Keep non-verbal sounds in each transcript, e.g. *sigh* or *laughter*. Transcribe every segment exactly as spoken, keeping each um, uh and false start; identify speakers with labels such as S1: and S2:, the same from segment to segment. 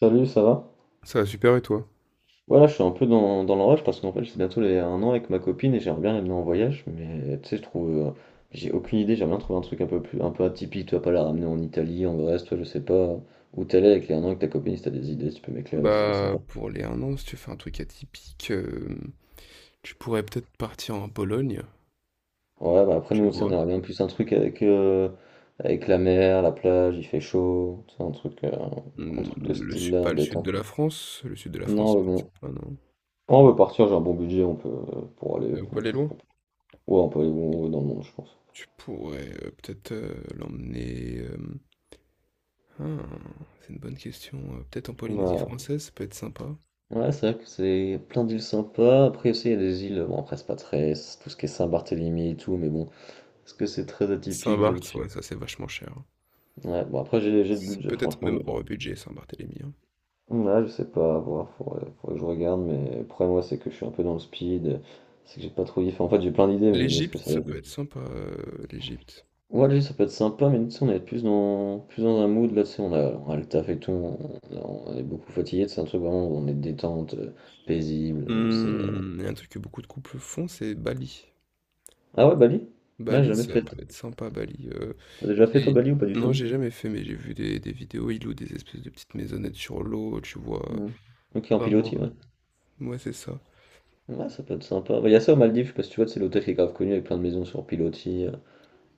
S1: Salut, ça va?
S2: Ça va super, et toi?
S1: Voilà, je suis un peu dans, dans le parce qu'en fait, c'est bientôt les un an avec ma copine et j'aimerais bien l'amener en voyage, mais tu sais, je trouve. Euh, j'ai aucune idée, j'aimerais bien trouver un truc un peu plus un peu atypique, tu vas pas la ramener en Italie, en Grèce, toi, je sais pas où t'es allé avec les un an avec ta copine, si t'as des idées, si tu peux m'éclairer, ce serait
S2: Bah,
S1: sympa.
S2: pour les un an, si tu fais un truc atypique, hem, tu pourrais peut-être partir en Pologne,
S1: Ouais, bah après, nous
S2: tu
S1: aussi, on
S2: vois?
S1: aimerait bien plus un truc avec, euh, avec la mer, la plage, il fait chaud, tu sais, un truc, euh, un
S2: Mmh,
S1: truc de
S2: le
S1: style
S2: sud,
S1: là,
S2: pas le sud de
S1: détente.
S2: la France, le sud de la
S1: Non,
S2: France
S1: mais
S2: peut-être
S1: bon.
S2: pas, non?
S1: On veut partir, j'ai un bon budget, on peut euh, pour aller.
S2: Elle peut
S1: on
S2: aller loin?
S1: peut- ouais, on peut aller où on veut dans le monde, je pense.
S2: Tu pourrais, heu, peut-être, heu, l'emmener, hem, hein, c'est une bonne question, heu, peut-être en Polynésie
S1: Bah
S2: française, ça peut être sympa.
S1: ouais, c'est vrai que c'est plein d'îles sympas. Après aussi, il y a des îles, bon après c'est pas très, c'est tout ce qui est Saint-Barthélemy et tout, mais bon, est-ce que c'est très atypique, je ne
S2: Saint-Barth,
S1: suis.
S2: ouais, ça, c'est vachement cher, hein.
S1: Ouais, bon après j'ai j'ai le
S2: C'est
S1: budget,
S2: peut-être
S1: franchement,
S2: même
S1: niveau.
S2: hors budget Saint-Barthélemy, hein.
S1: Ouais, je sais pas, à voir, faudrait, faudrait que je regarde, mais le problème, moi, c'est que je suis un peu dans le speed, c'est que j'ai pas trop d'idées. Enfin, en fait, j'ai plein d'idées, mais je me dis, est-ce que
S2: L'Égypte,
S1: ça va
S2: ça
S1: être...
S2: peut être sympa, heu, l'Égypte.
S1: Ouais, lui, ça peut être sympa, mais nous, tu sais, on est plus dans, plus dans un mood, là, tu sais, on a, on a le taf et tout, on, on est beaucoup fatigué, c'est un truc vraiment, où on est détente, euh, paisible, c'est... euh.
S2: Mmh, il y a un truc que beaucoup de couples font, c'est Bali.
S1: Ah ouais, Bali? Ouais, j'ai
S2: Bali,
S1: jamais
S2: ça
S1: fait.
S2: peut être sympa, Bali, heu,
S1: T'as déjà fait toi
S2: c'est
S1: Bali ou pas du
S2: non,
S1: tout?
S2: j'ai jamais fait, mais j'ai vu des des vidéos, ils louent des espèces de petites maisonnettes sur l'eau, tu vois,
S1: Mhm. Ok, en
S2: vraiment,
S1: pilotis, ouais.
S2: heu ouais, c'est ça.
S1: Ouais, ça peut être sympa. Bah, il y a ça aux Maldives, je sais pas si tu vois, c'est l'hôtel qui est grave connu avec plein de maisons sur pilotis, euh,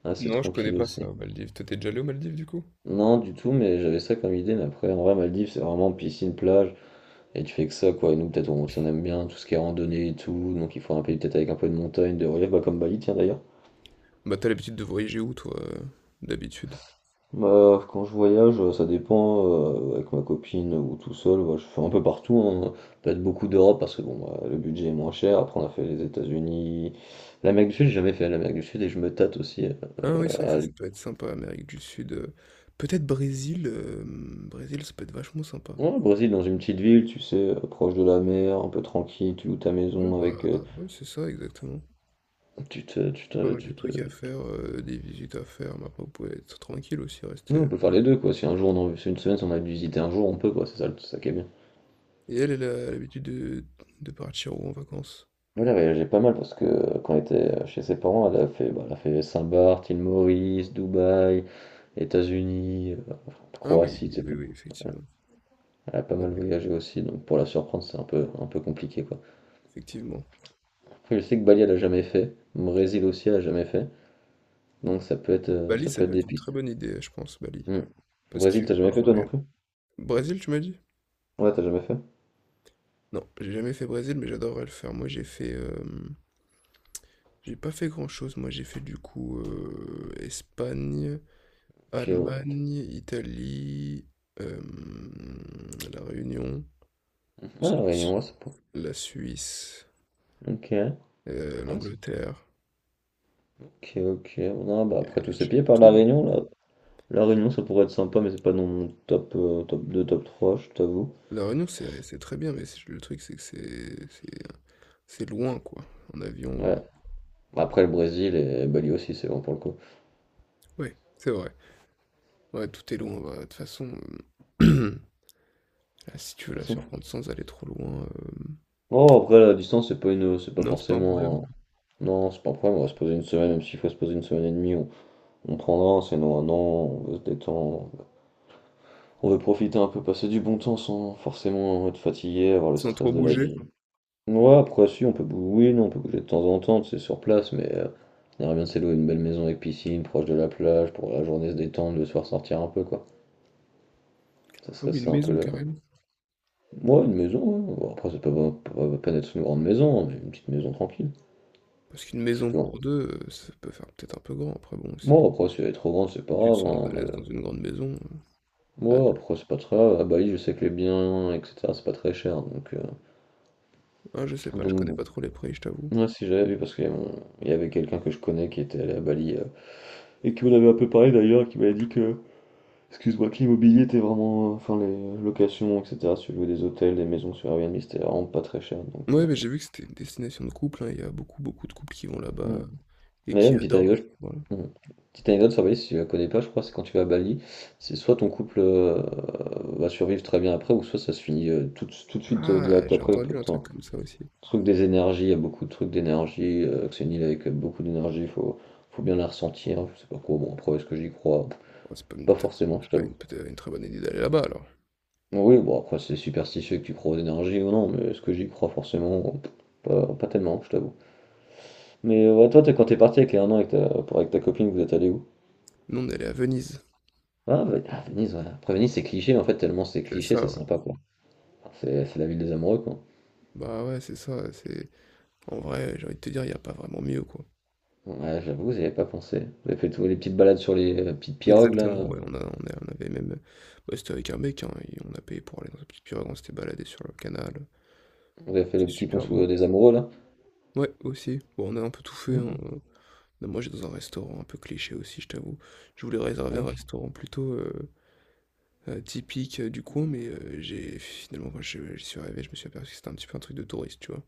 S1: assez
S2: Non, je connais
S1: tranquille
S2: pas
S1: aussi.
S2: ça, aux Maldives. Toi, tu déjà allé aux Maldives, du coup?
S1: Non, du tout, mais j'avais ça comme idée, mais après, en vrai, Maldives, c'est vraiment piscine, plage, et tu fais que ça, quoi. Et nous, peut-être, on, si on aime bien tout ce qui est randonnée et tout, donc il faut un pays peut-être avec un peu de montagne, de relief, bah, comme Bali, tiens d'ailleurs.
S2: Bah, t'as l'habitude de voyager où, toi, heu, d'habitude?
S1: Bah, quand je voyage, euh, ça dépend, euh, avec ma copine ou tout seul, bah, je fais un peu partout, hein. Peut-être beaucoup d'Europe parce que bon, bah, le budget est moins cher. Après, on a fait les États-Unis, l'Amérique du Sud, j'ai jamais fait l'Amérique du Sud et je me tâte aussi euh,
S2: Ah oui, c'est vrai que
S1: à...
S2: ça, ça
S1: aller-
S2: peut être sympa, Amérique du Sud, heu, peut-être Brésil, hem, Brésil, ça peut être vachement sympa.
S1: ouais, au Brésil, dans une petite ville, tu sais, euh, proche de la mer, un peu tranquille, tu loues ta
S2: Ouais,
S1: maison
S2: bah,
S1: avec, euh,
S2: ouais, c'est ça, exactement.
S1: tu te, tu
S2: Pas
S1: te,
S2: mal de
S1: tu te...
S2: trucs à
S1: Ouais,
S2: faire, heu, des visites à faire, mais après vous pouvez être tranquille aussi, rester. Euh.
S1: on peut faire les deux quoi. Si un jour, on a... si une semaine, si on a visité un jour, on peut quoi. C'est ça, le- c'est ça qui est bien.
S2: Et elle, elle a l'habitude de de partir où en vacances?
S1: Oui, elle a voyagé pas mal parce que euh, quand elle était euh, chez ses parents, elle a fait, bah, elle a fait Saint-Barth, île Maurice, Dubaï, États-Unis, euh,
S2: Ah oui,
S1: Croatie,
S2: oui,
S1: et cetera.
S2: oui, effectivement.
S1: Elle a pas
S2: Ah oui,
S1: mal voyagé aussi, donc pour la surprendre, c'est un peu, un peu compliqué quoi.
S2: effectivement.
S1: Après, je sais que Bali, elle a jamais fait. Brésil aussi, elle a jamais fait. Donc ça peut être, euh,
S2: Bali,
S1: ça
S2: ça
S1: peut être
S2: peut
S1: des
S2: être une
S1: pistes.
S2: très bonne idée, je pense, Bali.
S1: Hmm.
S2: Parce
S1: Brésil, t'as jamais fait
S2: qu'apparemment
S1: toi non
S2: les
S1: plus?
S2: Brésil, tu m'as dit?
S1: Ouais, t'as jamais fait?
S2: Non, j'ai jamais fait Brésil, mais j'adorerais le faire. Moi, j'ai fait, hem, j'ai pas fait grand-chose. Moi, j'ai fait du coup, heu, Espagne,
S1: Ok, ouais.
S2: Allemagne, Italie, hem, La Réunion,
S1: Ah, la
S2: la Su
S1: Réunion, ouais, c'est pas...
S2: la Suisse,
S1: Ok, ouais,
S2: heu,
S1: c'est-
S2: l'Angleterre,
S1: ok, ok. Non, bah après tous
S2: et
S1: ces
S2: je
S1: pays, par la
S2: tourne.
S1: Réunion, là, la Réunion, ça pourrait être sympa, mais c'est pas dans mon top, euh, top deux, top trois, je t'avoue.
S2: La Réunion, c'est c'est très bien, mais c'est le truc, c'est que c'est c'est c'est loin, quoi. En avion, heu,
S1: Ouais. Après, le Brésil et Bali aussi, c'est bon pour le coup.
S2: ouais, c'est vrai. Ouais, tout est loin, bah, de toute façon, hem, *clears throat* ah, si tu
S1: De
S2: veux
S1: toute
S2: la
S1: façon,
S2: surprendre sans aller trop loin, hem,
S1: oh, après, la distance, c'est pas une, c'est pas
S2: non, c'est pas un problème.
S1: forcément. Non, c'est pas un problème, on va se poser une semaine, même s'il faut se poser une semaine et demie, on, on prendra, sinon un an, on veut se détendre, on veut profiter un peu, passer du bon temps sans forcément être fatigué, avoir le
S2: Sans
S1: stress
S2: trop
S1: de la vie.
S2: bouger.
S1: Ouais, après, si, on peut bouger oui, non, on peut bouger de temps en temps, tu sais, sur place, mais heu, on aimerait bien se louer une belle maison avec piscine, proche de la plage, pour la journée se détendre, le soir sortir un peu, quoi. Ça
S2: Ah
S1: serait
S2: oui, une
S1: ça un peu
S2: maison,
S1: le
S2: carrément.
S1: moi une maison, ouais, bon, après, c'est pas pas pas la d'être une grande maison, hein, mais une petite maison tranquille.
S2: Parce qu'une
S1: Parce
S2: maison
S1: que
S2: pour deux, heu, ça peut faire peut-être un peu grand. Après bon, si
S1: moi, après, si elle est trop grande, c'est pas
S2: tu te
S1: grave,
S2: sens
S1: hein,
S2: à
S1: on a
S2: l'aise
S1: le
S2: dans une grande maison, heu, ah,
S1: ouais, après, c'est pas très grave. À Bali, je sais que les biens, et cetera, c'est pas très cher, donc heu,
S2: ah, je sais pas, je
S1: donc
S2: connais
S1: bon.
S2: pas trop les prix, je t'avoue.
S1: Ouais, si, j'avais vu, parce qu'il y a mon il y avait quelqu'un que je connais qui était allé à Bali, heu, et qui m'en avait un peu parlé, d'ailleurs, qui m'avait dit que excuse-moi, que l'immobilier était vraiment, euh, enfin les locations, et cetera. Si tu louais des hôtels, des maisons sur Airbnb, c'était vraiment pas très cher. Donc,
S2: Ouais, mais j'ai vu que c'était une destination de couple, hein, il y a beaucoup, beaucoup de couples qui vont
S1: euh, mm.
S2: là-bas, heu, et
S1: Mais
S2: qui
S1: une petite
S2: adorent,
S1: anecdote,
S2: voilà.
S1: mm. petite anecdote sur Bali, si tu la connais pas, je crois, c'est quand tu vas à Bali, c'est soit ton couple euh, va survivre très bien après, ou soit ça se finit euh, tout, tout de suite euh,
S2: Ah!
S1: direct
S2: J'ai
S1: après, peu
S2: entendu
S1: de
S2: un truc
S1: temps.
S2: comme ça aussi.
S1: Truc des énergies, il y a beaucoup de trucs d'énergie. euh, que c'est une île avec beaucoup d'énergie, faut, faut bien la ressentir. Je sais pas quoi. Bon, après, est-ce que j'y crois?
S2: Oh, c'est pas une
S1: Pas
S2: peut-être
S1: forcément, je
S2: c'est pas
S1: t'avoue.
S2: une peut-être une très bonne idée d'aller là-bas alors.
S1: Oui, bon après c'est superstitieux que tu crois aux énergies ou non, mais est-ce que j'y crois forcément? Pff, Pas, pas tellement, je t'avoue. Mais euh, ouais, toi, t'es- quand t'es parti avec les un an avec ta, pour- avec ta copine, vous êtes allé où?
S2: Nous, on est allé à Venise.
S1: Ah, Ve- ah, Venise, ouais. Après Venise, c'est cliché, mais en fait, tellement c'est
S2: C'est
S1: cliché,
S2: ça,
S1: c'est
S2: ouais.
S1: sympa, quoi. C'est c'est la ville des amoureux, quoi.
S2: Bah, ouais, c'est ça, c'est en vrai, j'ai envie de te dire, il y a pas vraiment mieux, quoi.
S1: Ouais, j'avoue, j'y avais pas pensé. Vous avez fait toutes les petites balades sur les euh, petites pirogues,
S2: Exactement,
S1: là.
S2: ouais, on a on a on avait même, bah, c'était avec un mec, hein, et on a payé pour aller dans une petite pirogue, on s'était baladé sur le canal,
S1: Vous avez fait
S2: c'était
S1: le petit pont
S2: super
S1: sous,
S2: beau.
S1: euh, des amoureux, là.
S2: Ouais, aussi. Bon, on a un peu tout fait, hein.
S1: Mhm.
S2: Non, moi, j'étais dans un restaurant un peu cliché aussi, je t'avoue. Je voulais réserver un
S1: Ok.
S2: restaurant plutôt euh, euh, typique euh, du coin, mais euh, j'ai finalement, quand je- j'y suis arrivé, je me suis aperçu que c'était un petit peu un truc de touriste, tu vois.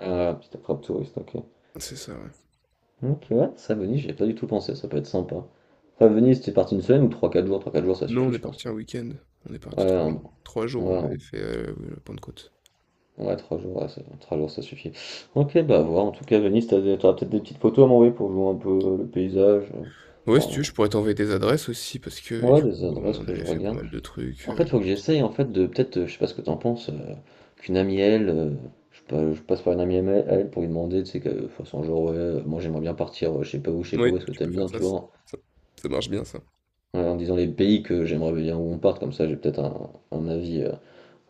S1: Ah, petite attrape touriste, ok.
S2: C'est ça, ouais.
S1: Ok, ouais, ça, Venise, j'y ai pas du tout pensé, ça peut être sympa. Enfin, Venise, t'es parti une semaine ou trois quatre jours? Trois quatre jours, ça
S2: Non, on
S1: suffit,
S2: est
S1: je pense.
S2: parti un week-end. On est
S1: Ouais,
S2: parti trois jours.
S1: un-
S2: Trois jours, on
S1: ouais,
S2: avait fait euh, oui, la Pentecôte.
S1: un- ouais, trois jours, ouais, ça, trois jours, ça suffit. Ok, bah à voir. En tout cas, Venise, t'as des- t'auras peut-être des petites photos à m'envoyer pour jouer un peu euh, le paysage. Euh,
S2: Ouais, si tu
S1: enfin,
S2: veux, je pourrais t'envoyer des adresses aussi, parce que
S1: ouais,
S2: du
S1: des
S2: coup,
S1: adresses
S2: on
S1: que je
S2: avait fait pas
S1: regarde.
S2: mal de trucs.
S1: En
S2: euh.
S1: fait, faut que j'essaye, en fait, de peut-être, euh, je sais pas ce que t'en penses, euh, qu'une amie, elle, euh, je, pa- je passe par une amie à elle à elle pour lui demander, tu sais, que, de toute façon, genre, ouais, euh, moi j'aimerais bien partir, euh, je sais pas où, je sais pas où,
S2: Ouais,
S1: est-ce que
S2: tu peux
S1: t'aimes
S2: faire
S1: bien,
S2: ça.
S1: tu
S2: c-
S1: vois,
S2: Ça, ça marche bien, ça.
S1: ouais, en disant les pays que j'aimerais bien où on parte, comme ça, j'ai peut-être un, un avis, euh,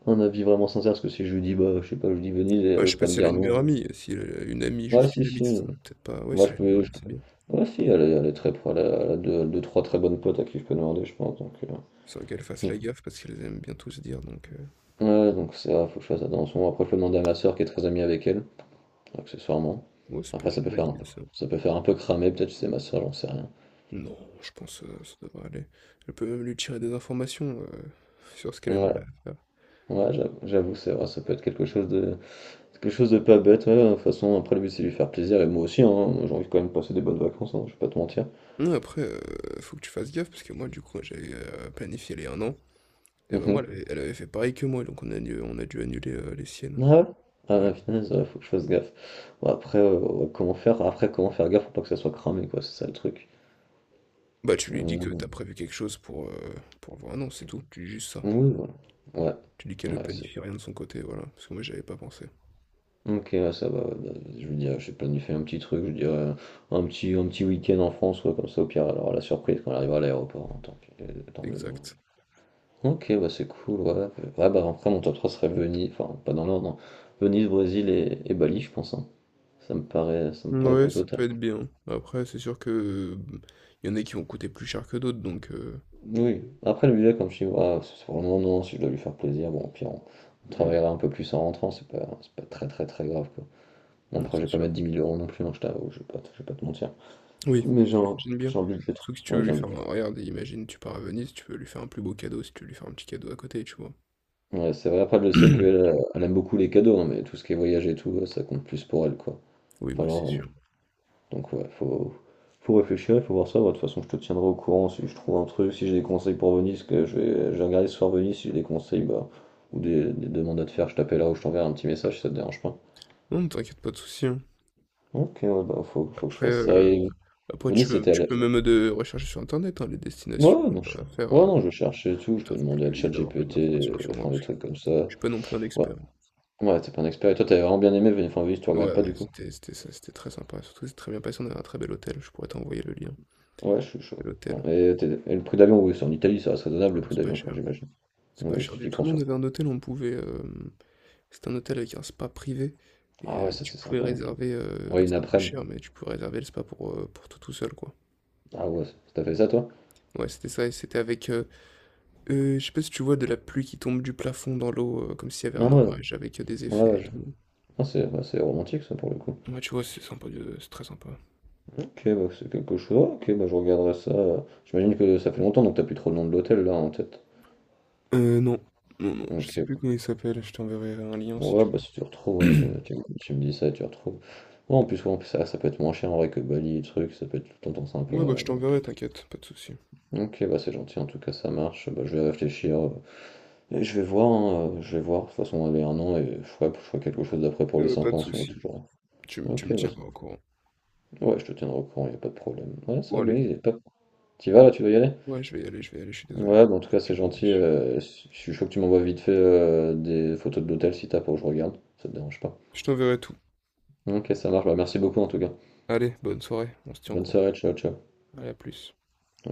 S1: un avis vraiment sincère, parce que si je lui dis, bah, je sais pas, je lui dis Venise,
S2: Ouais,
S1: elle
S2: je sais
S1: ose
S2: pas
S1: pas me
S2: si elle a
S1: dire
S2: une meilleure
S1: non.
S2: amie. Si elle a une amie,
S1: Ah
S2: juste
S1: si
S2: une amie,
S1: si,
S2: ce serait peut-être pas. Ouais,
S1: moi
S2: si
S1: je
S2: elle a une meilleure
S1: peux...
S2: amie,
S1: je-
S2: c'est bien.
S1: Ah si, elle est, elle est très pro, elle a, elle a deux, deux, trois très bonnes potes à qui je peux demander, je pense. Donc, euh,
S2: Sans qu'elles fassent la
S1: donc-
S2: gaffe parce qu'elles aiment bien tout se dire, donc heu,
S1: ouais, donc ça, faut que je fasse attention. Après, je peux demander à ma soeur qui est très amie avec elle, accessoirement.
S2: ouais, ça peut
S1: Après,
S2: être
S1: ça
S2: une
S1: peut
S2: bonne
S1: faire un
S2: idée
S1: peu,
S2: ça.
S1: ça peut faire un peu cramer, peut-être c'est ma soeur, j'en sais rien.
S2: Non, je pense, heu, ça devrait aller. Elle peut même lui tirer des informations, heu, sur ce qu'elle
S1: Ouais,
S2: aimerait faire.
S1: ouais, j'avoue, j'avoue, c'est vrai, ça peut être quelque chose de, quelque chose de pas bête. Ouais, de toute façon, après le but c'est lui faire plaisir et moi aussi, hein, moi, j'ai envie quand même de passer des bonnes vacances, hein, je vais pas te mentir.
S2: Non, après, heu, faut que tu fasses gaffe parce que moi, du coup, j'avais, heu, planifié les un an, et bah, moi,
S1: Mhm.
S2: elle avait elle avait fait pareil que moi, donc on a dû on a dû annuler, heu, les
S1: Ah
S2: siennes.
S1: ouais? Ah la
S2: Ouais.
S1: punaise, ouais, faut que je fasse gaffe. Bon, après, euh, ouais, comment faire? Après, comment faire gaffe pour pas que ça soit cramé, quoi, c'est ça le truc.
S2: Bah, tu lui dis que
S1: Mhm.
S2: t'as prévu quelque chose pour, heu, pour avoir un an, c'est tout. Tu dis juste ça.
S1: Oui, voilà.
S2: Tu dis qu'elle
S1: Ouais,
S2: ne
S1: ouais, c'est.
S2: planifie rien de son côté, voilà, parce que moi, j'avais pas pensé.
S1: Ok, ouais, ça va. Ouais, bah, je veux dire, j'ai planifié un petit truc, je dirais un petit, un petit week-end en France, ouais, comme ça, au pire, elle aura la surprise quand elle arrivera à l'aéroport, hein, tant pis, euh, tant mieux. Ouais.
S2: Exact.
S1: Ok, bah c'est cool, ouais. Euh, Ouais, bah après, mon top trois serait Venise, enfin, pas dans l'ordre, hein. Venise, Brésil et, et Bali, je pense, hein. Ça me paraît, ça me paraît
S2: Ouais,
S1: plutôt.
S2: ça peut être bien. Après, c'est sûr que, mmh, il y en a qui vont coûter plus cher que d'autres, donc heu,
S1: Oui, après le budget, comme je dis, voilà, c'est vraiment non, si je dois lui faire plaisir, bon, au pire, on, on travaillera un peu plus en rentrant, c'est pas, c'est pas, très très très grave quoi. Bon,
S2: non,
S1: après, je
S2: c'est
S1: vais pas
S2: sûr.
S1: mettre dix mille euros non plus, non je t'avoue, je vais pas, te- je vais pas te mentir.
S2: Oui,
S1: Mais j'ai un,
S2: j'imagine bien.
S1: j'ai un budget.
S2: Sauf que si tu veux
S1: Ouais, j'ai
S2: lui
S1: un
S2: faire
S1: budget.
S2: un, regarde, imagine, tu pars à Venise, tu veux lui faire un plus beau cadeau, si tu veux lui faire un petit cadeau à côté, tu vois?
S1: Ouais, c'est vrai, après, je sais qu'elle
S2: *clears throat*
S1: elle aime beaucoup les cadeaux, hein, mais tout ce qui est voyage et tout, ça compte plus pour elle quoi.
S2: Oui,
S1: Enfin,
S2: bah, c'est
S1: genre,
S2: sûr.
S1: donc ouais, faut, faut réfléchir, il faut voir ça. Bah, de toute façon, je te tiendrai au courant si je trouve un truc, si j'ai des conseils pour Venise, que je vais, je vais regarder ce soir Venise, si j'ai des conseils bah, ou des, des demandes à te faire, je t'appellerai ou je t'enverrai un petit message si ça te dérange pas.
S2: Non, ne t'inquiète, pas de souci, hein.
S1: Ok, ouais, bah faut, faut que je
S2: Après,
S1: fasse ça.
S2: heu,
S1: Et
S2: après tu
S1: Venise,
S2: peux
S1: c'était à
S2: tu
S1: la...
S2: peux même, de rechercher sur internet, hein, les destinations,
S1: Ouais, non, je...
S2: heu,
S1: ouais,
S2: à faire, heu,
S1: non, je cherchais et tout,
S2: ils
S1: je peux
S2: doivent
S1: demander à
S2: plus ils doivent avoir plus
S1: ChatGPT, euh,
S2: d'informations que sur moi,
S1: enfin
S2: parce
S1: des
S2: que
S1: trucs comme ça.
S2: je suis pas non plus un
S1: Ouais,
S2: expert.
S1: ouais, t'es pas un expert. Et toi, t'avais vraiment bien aimé Venise, enfin, Venise, tu regrettes pas
S2: Ouais,
S1: du coup?
S2: c'était c'était ça, c'était très sympa, surtout c'est très bien passé, on avait un très bel hôtel, je pourrais t'envoyer le lien.
S1: Ouais, je suis
S2: Et
S1: chaud. Bon,
S2: l'hôtel.
S1: et, t'es- et le prix d'avion, oui, c'est en Italie, ça reste raisonnable
S2: Ah
S1: le
S2: non,
S1: prix
S2: c'est pas
S1: d'avion, enfin,
S2: cher.
S1: j'imagine.
S2: C'est pas
S1: Oui,
S2: cher
S1: si tu
S2: du
S1: y
S2: tout. Nous,
S1: penses.
S2: on avait un hôtel où on pouvait. euh, c'était un hôtel avec un spa privé. Et
S1: Ah ouais,
S2: euh,
S1: ça
S2: tu
S1: c'est
S2: pouvais
S1: sympa. Hein.
S2: réserver. euh, bah,
S1: Ouais, une
S2: c'était un peu
S1: après-midi.
S2: cher, mais tu pouvais réserver le spa pour, euh, pour toi tout seul, quoi.
S1: Ah ouais, t'as fait ça toi?
S2: Ouais, c'était ça. Et c'était avec. euh, euh, je sais pas si tu vois de la pluie qui tombe du plafond dans l'eau, euh, comme s'il y avait
S1: Ah
S2: un
S1: ouais, non.
S2: orage avec euh, des
S1: Ouais,
S2: effets
S1: ouais,
S2: et
S1: je-
S2: tout.
S1: ah, c'est bah, c'est romantique ça pour le coup.
S2: Ouais, tu vois, c'est sympa. de- C'est très sympa.
S1: Ok, bah, c'est quelque chose. Ah, Ok, bah, je regarderai ça. J'imagine que ça fait longtemps donc t'as plus trop le nom de l'hôtel là en tête.
S2: Euh, non. Non, non, je sais plus
S1: Ok,
S2: comment il s'appelle. Je t'enverrai un lien si
S1: bon,
S2: tu
S1: ouais, bah si tu retrouves, ouais, tu,
S2: veux. *clears throat*
S1: tu- tu me dis ça et tu retrouves. Ouais, en plus, ouais, en plus ça, ça peut être moins cher en vrai que Bali truc ça peut être tout le temps sympa.
S2: Ouais, bah, je
S1: Donc...
S2: t'enverrai, t'inquiète. Pas de souci.
S1: Ok, bah c'est gentil en tout cas, ça marche. Bah, je vais réfléchir euh, et je vais voir, hein, euh, je vais voir. De toute façon, on avait un an et je ferai, je ferai quelque chose d'après pour
S2: Ouais,
S1: les
S2: ouais, pas
S1: cinq
S2: de
S1: ans si on est
S2: souci.
S1: toujours
S2: Tu, m-
S1: là.
S2: tu
S1: Ok,
S2: me
S1: bah,
S2: tiendras au courant.
S1: ouais, je te tiendrai au courant, y a pas de problème. Ouais, c'est
S2: Bon,
S1: vrai, bonne
S2: allez.
S1: idée. Top. T'y vas là, tu dois y aller?
S2: Ouais, je vais y aller, je vais y aller, je suis désolé.
S1: Ouais, bon, en tout cas, c'est
S2: Je me
S1: gentil.
S2: dépêche.
S1: euh, si- je suis chaud que tu m'envoies vite fait euh, des photos de l'hôtel si t'as pour que je regarde. Ça te dérange pas.
S2: Je t'enverrai tout.
S1: Ok, ça marche. Bah, merci beaucoup en tout cas.
S2: Allez, bonne soirée, on se tient au
S1: Bonne
S2: courant.
S1: soirée, ciao, ciao.
S2: Allez, à plus.